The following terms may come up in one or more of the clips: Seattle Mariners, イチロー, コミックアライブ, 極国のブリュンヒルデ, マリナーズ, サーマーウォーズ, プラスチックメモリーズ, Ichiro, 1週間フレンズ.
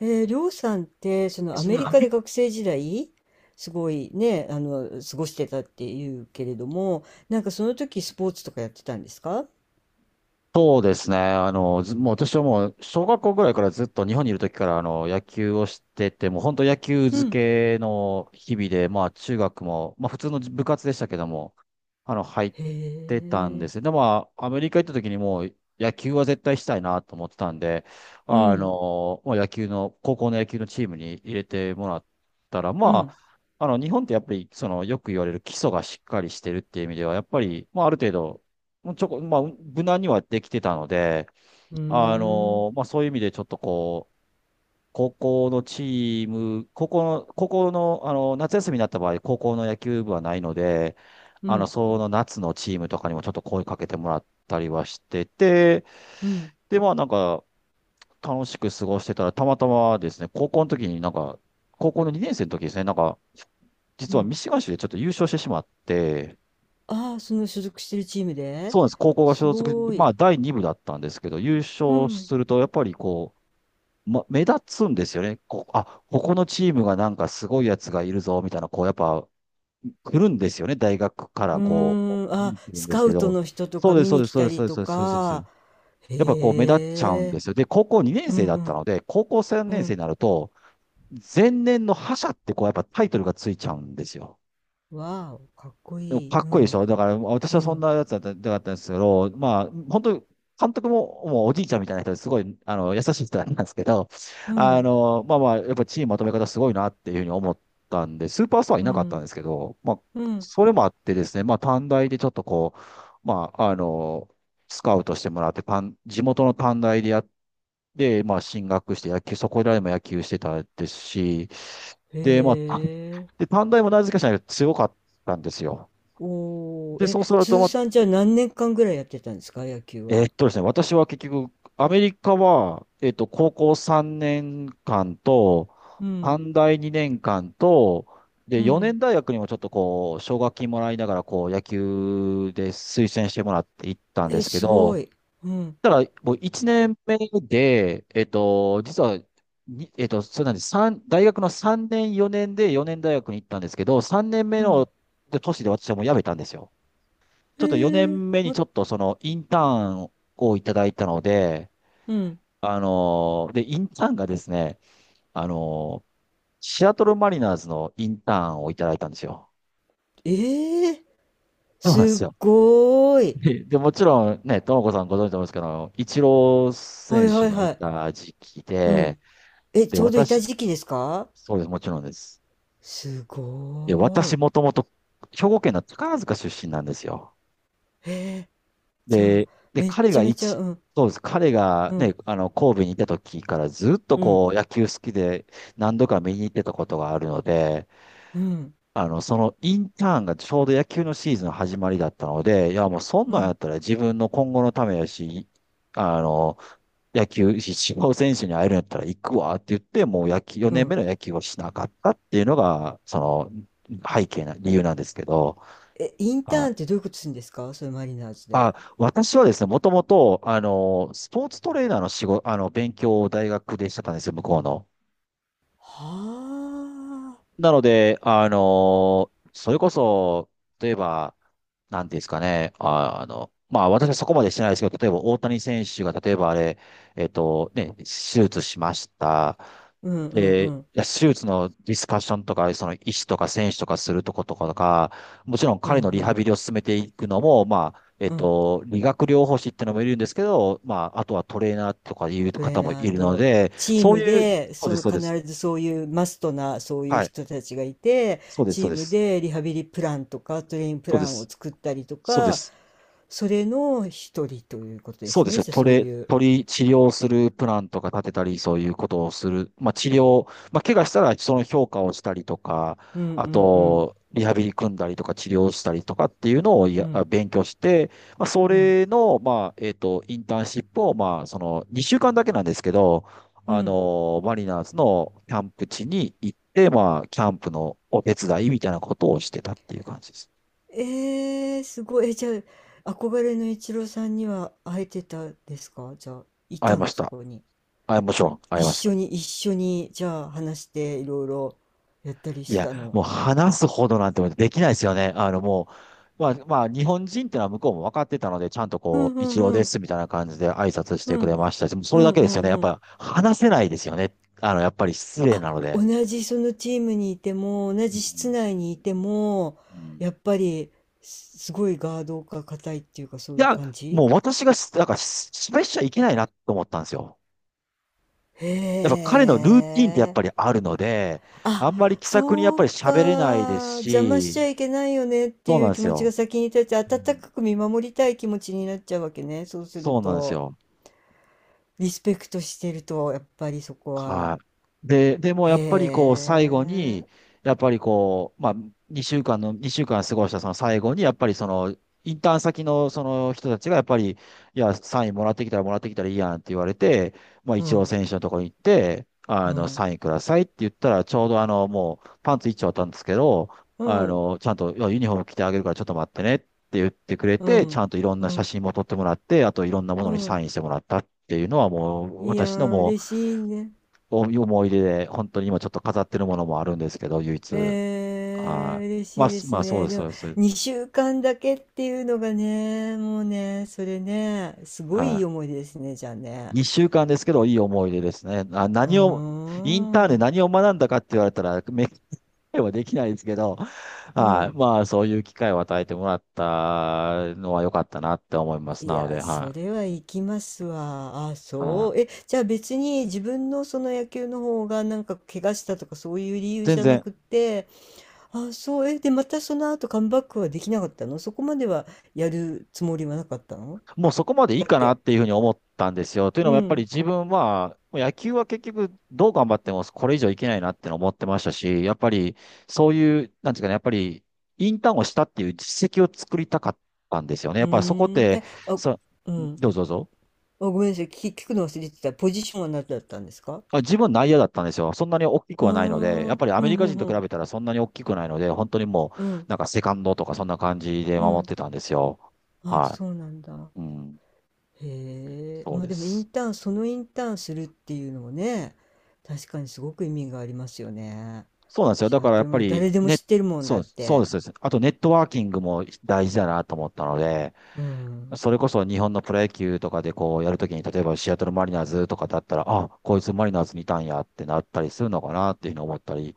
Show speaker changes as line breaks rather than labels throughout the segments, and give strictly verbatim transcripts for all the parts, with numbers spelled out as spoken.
えー、りょうさんって、そのア
私
メ
も、
リ
あ
カで学生時代、すごいね、あの、過ごしてたっていうけれども、なんかその時スポーツとかやってたんですか？
そうですね。あの、ずもう私はもう、小学校ぐらいからずっと日本にいる時から、あの、野球をしてて、もう本当野球
う
漬
ん。
けの日々で、まあ中学も、まあ普通の部活でしたけども、あの、入っ
へ
てたんですよ。
え。
でも、まあ、アメリカ行った時にもう、野球は絶対したいなと思ってたんで、
う
あ
ん。
の、まあ野球の、高校の野球のチームに入れてもらったら、
う
ま
ん。
あ、あの、日本ってやっぱり、その、よく言われる基礎がしっかりしてるっていう意味では、やっぱり、まあ、ある程度、もうちょこ、まあ、無難にはできてたので、
うー
あ
ん。
の、まあ、そういう意味でちょっとこう、高校のチーム、高校の、高校の、あの、夏休みになった場合、高校の野球部はないので、
う
あの、
ん。
その夏のチームとかにもちょっと声かけてもらったりはしてて、
うん。
で、まあ、なんか、楽しく過ごしてたら、たまたまですね、高校の時になんか、高校のにねん生の時ですね、なんか、
う
実は
ん。
ミシガン州でちょっと優勝してしまって。
ああ、その所属してるチームで。
そうなんです。高校が
す
所属、
ご
ま
い。
あ、だいにぶ部だったんですけど、優
う
勝
ん。
すると、やっぱりこう、ま、目立つんですよね。こう、あ、ここのチームがなんかすごいやつがいるぞ、みたいな、こう、やっぱ、来るんですよね。大学か
う
らこう、
ーん。
見
あ、
に来るん
ス
です
カ
け
ウト
ど、
の人と
そ
か
うです、
見
そう
に
です、
来
そう
た
です、そ
り
う
と
です、そうです、そうです。そうで
か。
す。やっぱこう、目立っちゃうん
へ
で
え。
すよ。で、高校にねん
う
生
ん
だっ
う
たの
ん。
で、高校3
う
年生に
ん。
なると、前年の覇者ってこう、やっぱタイトルがついちゃうんですよ。
わあ、かっこ
でも
いい。
かっ
う
こいいでし
ん。
ょ。だから、私
う
はそん
ん、
なやつだった、だったんですけど、まあ、本当に、監督も、もうおじいちゃんみたいな人ですごい、あの、優しい人なんですけど、
う
あ
ん、
の、まあまあ、やっぱチームまとめ方すごいなっていうふうに思ったんで、スーパースターはい
う
なかったん
ん、
ですけど、まあ、
うん。
それもあってですね、まあ、短大でちょっとこう、まあ、あの、スカウトしてもらって、短地元の短大でやって、まあ、進学して野球、そこらでも野球してたですし、
へ
で、まあ、
え。
で、短大もなぜかしら強かったんですよ。
おー、
で、
え、
そうすると、
通
ま、
算じゃあ何年間ぐらいやってたんですか、野球
えーっ
は。
とですね、私は結局、アメリカは、えーっと、高校さんねんかんと、
うん、
短大にねんかんと、で、
う
4
ん。
年大学にもちょっとこう、奨学金もらいながら、こう、野球で推薦してもらって行ったんで
え、
すけ
す
ど、
ごい。うん、
ただ、もういちねんめで、えーっと、実は、にえーっと、そうなんです。三大学のさんねん、よねんでよねん大学に行ったんですけど、さんねんめ
うん。
の年で私はもう辞めたんですよ。ち
へ
ょっと4
え、
年目に
も、
ちょっとそのインターンをいただいたので、
うん。
あのーで、インターンがですね、あのーシアトルマリナーズのインターンをいただいたんですよ。
ええ、
そうなんで
す
す
っ
よ。
ごーい。
で、で、もちろんね、ともこさんご存知だと思うんですけど、イチロー
は
選
いは
手
い
がい
はい。
た時期
う
で、
ん。え、
で、
ちょうどいた
私、
時期ですか？
そうです、もちろんです。
す
で、
ごー
私
い。
もともと兵庫県の宝塚出身なんですよ。
へえ、じゃあ、
で、で、
めっ
彼
ち
が
ゃめちゃ、
一、
うん、
そうです。彼が
うん、
ね、あの、神戸にいた時からずっと
うん、
こう、野球好きで何度か見に行ってたことがあるので、
うん、
あの、そのインターンがちょうど野球のシーズンの始まりだったので、いや、もうそん
う
なんやっ
ん、
たら自分の今後のためやし、あの、野球、一応選手に会えるんやったら行くわって言って、もう野球、
う
よねんめ
ん。
の野球をしなかったっていうのが、その、背景な、理由なんですけど。
え、インタ
は
ーンって
い。
どういうことするんですか、それマリナーズで？
あ、私はですね、もともと、あの、スポーツトレーナーの仕事、あの、勉強を大学でしてたんですよ、向こうの。
はあ。
なので、あのーそれこそ、例えば、なんていうんですかね、あ、あの、まあ私はそこまでしてないですけど、例えば大谷選手が、例えばあれ、えっとね、手術しました。
うんうん
で、
う
い
ん
や手術のディスカッションとか、その医師とか選手とかするとことかとか、もちろん
う
彼の
ん
リ
う
ハ
ん
ビリを進めていくのも、まあ、えっ
うん。
と、理学療法士っていうのもいるんですけど、まあ、あとはトレーナーとかいう
トレ
方
ー
もい
ナー
るの
と
で、
チー
そう
ム
いう、
で、
そうです、
その
そうです。
必ずそういうマストなそういう
はい。
人たちがいて、
そうです、
チ
そう
ー
で
ム
す。
でリハビリプランとかトレインプ
そう
ラ
で
ンを
す。
作ったりと
そうで
か、
す。
それの一人ということで
そう
す
です
ね
よ。
じゃあ、そう
鳥、
いう。
鳥治療するプランとか立てたり、そういうことをする。まあ治療、まあ怪我したらその評価をしたりとか、
うん
あ
うんうん
と、リハビリ組んだりとか治療したりとかっていうのを
う
や、
ん
勉強して、まあそ
うん
れの、まあ、えっと、インターンシップを、まあそのにしゅうかんだけなんですけど、
う
あ
ん。
の、マリナーズのキャンプ地に行って、まあキャンプのお手伝いみたいなことをしてたっていう感じです。
えー、すごい。え、じゃあ、憧れのイチローさんには会えてたですかじゃあ、い
会え
た
ま
の、
し
そ
た。
こに？
会えましょう。会
一
えました。
緒に、一緒に、じゃあ、話して、いろいろやったり
い
し
や、
た
も
の？
う話すほどなんてできないですよね。あの、もう、まあ、まあ、日本人ってのは向こうも分かってたので、ちゃんと
う
こ
んう
う、一
ん
郎
う
で
ん。
すみたいな感じで挨拶し
う
てくれ
ん。
ましたし、もうそ
う
れだ
ん
け
う
ですよ
ん
ね。やっ
うん。
ぱ、話せないですよね。あの、やっぱり失礼
あ、
なの
同
で。
じそのチームにいても、同
う
じ室
ん。
内にいても、
う
やっ
ん。
ぱり、すすごいガードが硬いっていうか、そ
い
ういう
や、
感
も
じ。
う私がし、なんか、し失敗しちゃいけないなと思ったんですよ。やっぱ
へ
彼のルーティンってやっぱり
え。
あるので、
あ、
あんまり気さくにやっ
そ
ぱ
う
り喋れないです
か。邪魔しち
し、
ゃいけないよねって
そう
い
なん
う
で
気
す
持ちが
よ。
先に立って、
う
温
ん、
かく見守りたい気持ちになっちゃうわけね。そうする
そうなんです
と。
よ。
リスペクトしてると、やっぱりそこは。
はい。で、でもやっぱりこう
へ
最後に、
え。
やっぱりこう、まあ2週間の、にしゅうかん過ごしたその最後に、やっぱりその、インターン先のその人たちがやっぱり、いや、サインもらってきたらもらってきたらいいやんって言われて、まあ
う
一応
ん、
選手のところに行って、
う
あの、
ん、
サインくださいって言ったら、ちょうどあの、もうパンツ一丁あったんですけど、
う
あ
ん、
の、ちゃんと、いやユニフォーム着てあげるからちょっと待ってねって言ってくれ
う
て、ちゃ
ん、
んといろん
う
な写
ん、
真も撮ってもらって、あといろんなもの
う
にサ
ん。
インしてもらったっていうのはもう、
いや
私の
ー、
もう、
嬉しいね。
おいう思い出で、本当に今ちょっと飾ってるものもあるんですけど、唯一。
えー、
はい。
嬉
ま
し
あ、
いで
す
す
まあ、そう
ね。
です、
で
そ
も、
うです。
にしゅうかんだけっていうのがね、もうね、それね、すご
は
いいい思い出ですね、じゃあ
い。
ね。
にしゅうかんですけど、いい思い出ですね。あ、
うー
何を、インターンで
ん、
何を学んだかって言われたら、め、はできないですけど、
う
はい。
ん。
まあ、そういう機会を与えてもらったのは良かったなって思います。
い
なの
や、
で、
そ
は
れは行きますわ。あ、
い。
そ
は
う。
い。
え、じゃあ別に自分のその野球の方がなんか怪我したとかそういう理由
全
じゃな
然
くて。あ、そう。え、で、またその後カムバックはできなかったの、そこまではやるつもりはなかったの？
もうそこまでいい
だっ
かなっ
て。
ていうふうに思ったんですよ。という
う
のもやっぱり
ん。
自分は、もう野球は結局どう頑張ってもこれ以上いけないなっての思ってましたし、やっぱりそういう、なんですかね、やっぱりインターンをしたっていう実績を作りたかったんですよね。
う
やっぱりそこっ
ーん。
て、
え、あ、
そ、
うん。
どうぞどうぞ。
あ、ごめんなさい。聞、聞くの忘れてた。ポジションは何だったんですか？
あ、自分内野だったんですよ。そんなに大きく
あ
はないので、やっ
ー、
ぱりア
う
メリ
ん、う
カ人
ん、
と
う
比
ん。
べたらそんなに大きくないので、本当にもう
うん、
なんかセカンドとかそんな感じで
う
守っ
ん。
てたんですよ。
あ、
は
そうなんだ。
い。うん。
へえ、
そう
まあ
で
でもイン
す。
ターン、そのインターンするっていうのもね、確かにすごく意味がありますよね。
そうなんですよ。
シ
だ
ャ
からや
ト
っ
ル
ぱ
が
り、
誰でも
ね、
知ってるもん
そ
だっ
う、そうで
て。
す。そうです。あとネットワーキングも大事だなと思ったので、
うん、
それこそ日本のプロ野球とかでこうやるときに、例えばシアトルマリナーズとかだったら、あ、こいつマリナーズにいたんやってなったりするのかなっていうふうに思ったり、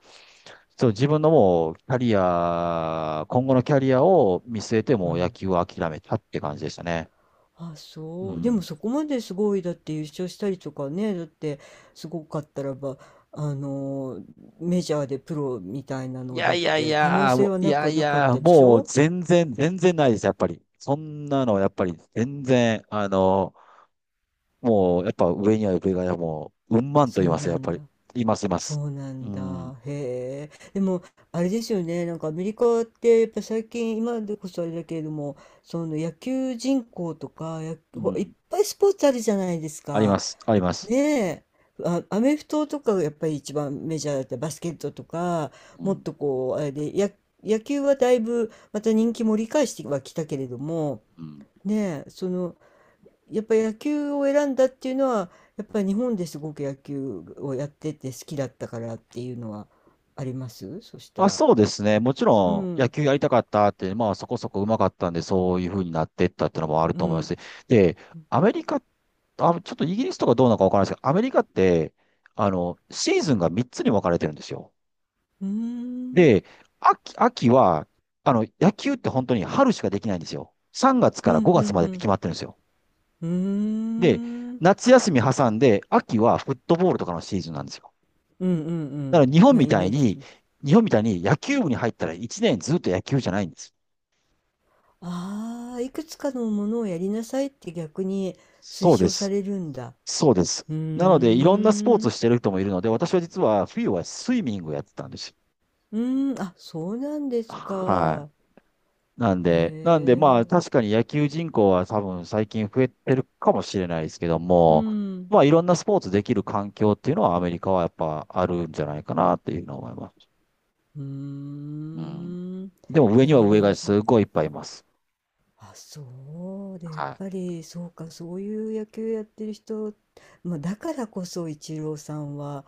そう、自分のもうキャリア、今後のキャリアを見据えて
う
もう野
ん。
球を諦めたって感じでしたね。
あ、
う
そう。でも
ん。
そこまですごい、だって優勝したりとかね、だってすごかったらば、あの、メジャーでプロみたいな
い
の
や
だっ
いやい
て可能
や、も
性は
うい
なく
や
は
い
なかっ
や、
たでし
もう
ょ？
全然、全然ないです、やっぱり。そんなの、やっぱり全然、あの、もう、やっぱ上には上が、もう、うんまんと
そ
言い
う
ますよ、
な
やっぱ
ん
り。
だ。
います、います。
そうな
う
ん
ん、
だ。へえ。でも、あれですよね。なんかアメリカって、やっぱ最近、今でこそあれだけれども、その野球人口とか、や、
う
ほいっ
ん。
ぱいスポーツあるじゃないです
ありま
か。
す、あります。
ねえ。あ、アメフトとかがやっぱり一番メジャーだったり、バスケットとか、
う
もっ
ん、
とこう、あれで、や、野球はだいぶまた人気盛り返してはきたけれども、
うん。
ねえ、その、やっぱ野球を選んだっていうのは、やっぱり日本ですごく野球をやってて好きだったからっていうのはありますそした
あ、
ら？
そうですね。もち
う
ろん、野
ん、
球やりたかったって、まあ、そこそこ上手かったんで、そういう風になってったってのもある
う
と思いま
ん、
すし。で、アメリカ、あ、ちょっとイギリスとかどうなのかわからないですけど、アメリカって、あの、シーズンがみっつに分かれてるんですよ。
うーん、
で、秋、秋は、あの、野球って本当に春しかできないんですよ。さんがつ
う
から
ん、う
ごがつ
ん、
ま
う
でって
ん、
決まってるんですよ。
うーん、
で、
うん、
夏休み挟んで、秋はフットボールとかのシーズンなんですよ。
うん、う
だから日本
んな
み
イ
た
メ
い
ージ
に、
します。
日本みたいに野球部に入ったらいちねんずっと野球じゃないんです。
ああ、いくつかのものをやりなさいって逆に推
そうで
奨さ
す。
れるんだ。
そうです。
うー
なので、いろんなスポーツ
ん、
をしてる人もいるので、私は実は冬はスイミングをやってたんです。
うーん、あ、そうなんです
は
か。
い。なん
へ
で、なんでまあ
え、
確かに野球人口は多分最近増えてるかもしれないですけど
う
も、
ん。
まあいろんなスポーツできる環境っていうのはアメリカはやっぱあるんじゃないかなっていうのを思います。
うー
うん。
ん。い
でも上に
や
は
ー、で
上
も、
が
そ
すごいいっぱいいます。
あ、そうで、やっぱり、そうか、そういう野球やってる人、まあ、だからこそ、イチローさんは、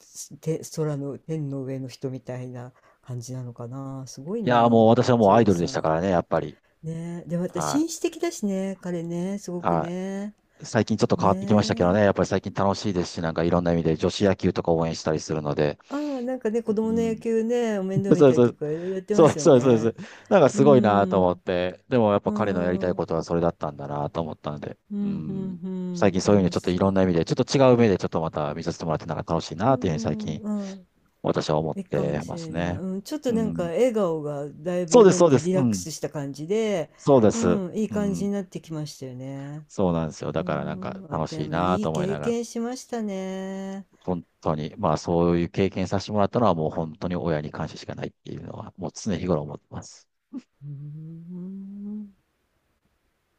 すて、空の、天の上の人みたいな感じなのかな。すごい
い
な、
やー
や
も
っ
う
ぱ
私は
イ
も
チ
うアイ
ロー
ドルで
さ
したか
ん。
らね、やっぱり。
ねえ、で、また
は
紳
い。
士的だしね、彼ね、すごく
は
ね。
い。最近ちょっと変わってきましたけどね、
ね
やっ
え。
ぱり最近楽しいですし、なんかいろんな意味で女子野球とか応援したりするので。
ああ、なんかね、子供
う
の野
ん。
球ね、お面倒 見
そう
たり
そ
と
う。
か、いろいろやってま
そう
すよ
そうそうそう。
ね。
なんか
う
すごいなと思っ
ん。
て。でもやっぱ
う
彼のやりたいこ
ん。
とはそれだったんだなと思ったので。
う
う
ん、うん、う
ん。最
ん、
近そういう意味で
楽
ちょ
し
っとい
そ
ろん
う。
な意味で、ちょっと違う目でちょっとまた見させてもらってなんか楽しい
う
なっていうふうに最
ん、
近
うん、
私は思っ
いいかも
て
し
ます
れない。
ね。
うん、ちょっと
う
なんか
ん。
笑顔がだい
そう
ぶ、
です、
なん
そう
て
で
いう、
す。
リ
う
ラック
ん。
スした感じで、
そうで
う
す。
ん、いい
う
感じ
ん。
になってきましたよね。
そうなんですよ。
う
だからなんか
ん、あ、
楽
で
しい
も
な
い
と
い
思い
経
ながら、
験しましたね。
本当に、まあそういう経験させてもらったのはもう本当に親に感謝しかないっていうのは、もう常日頃思ってます。
うん。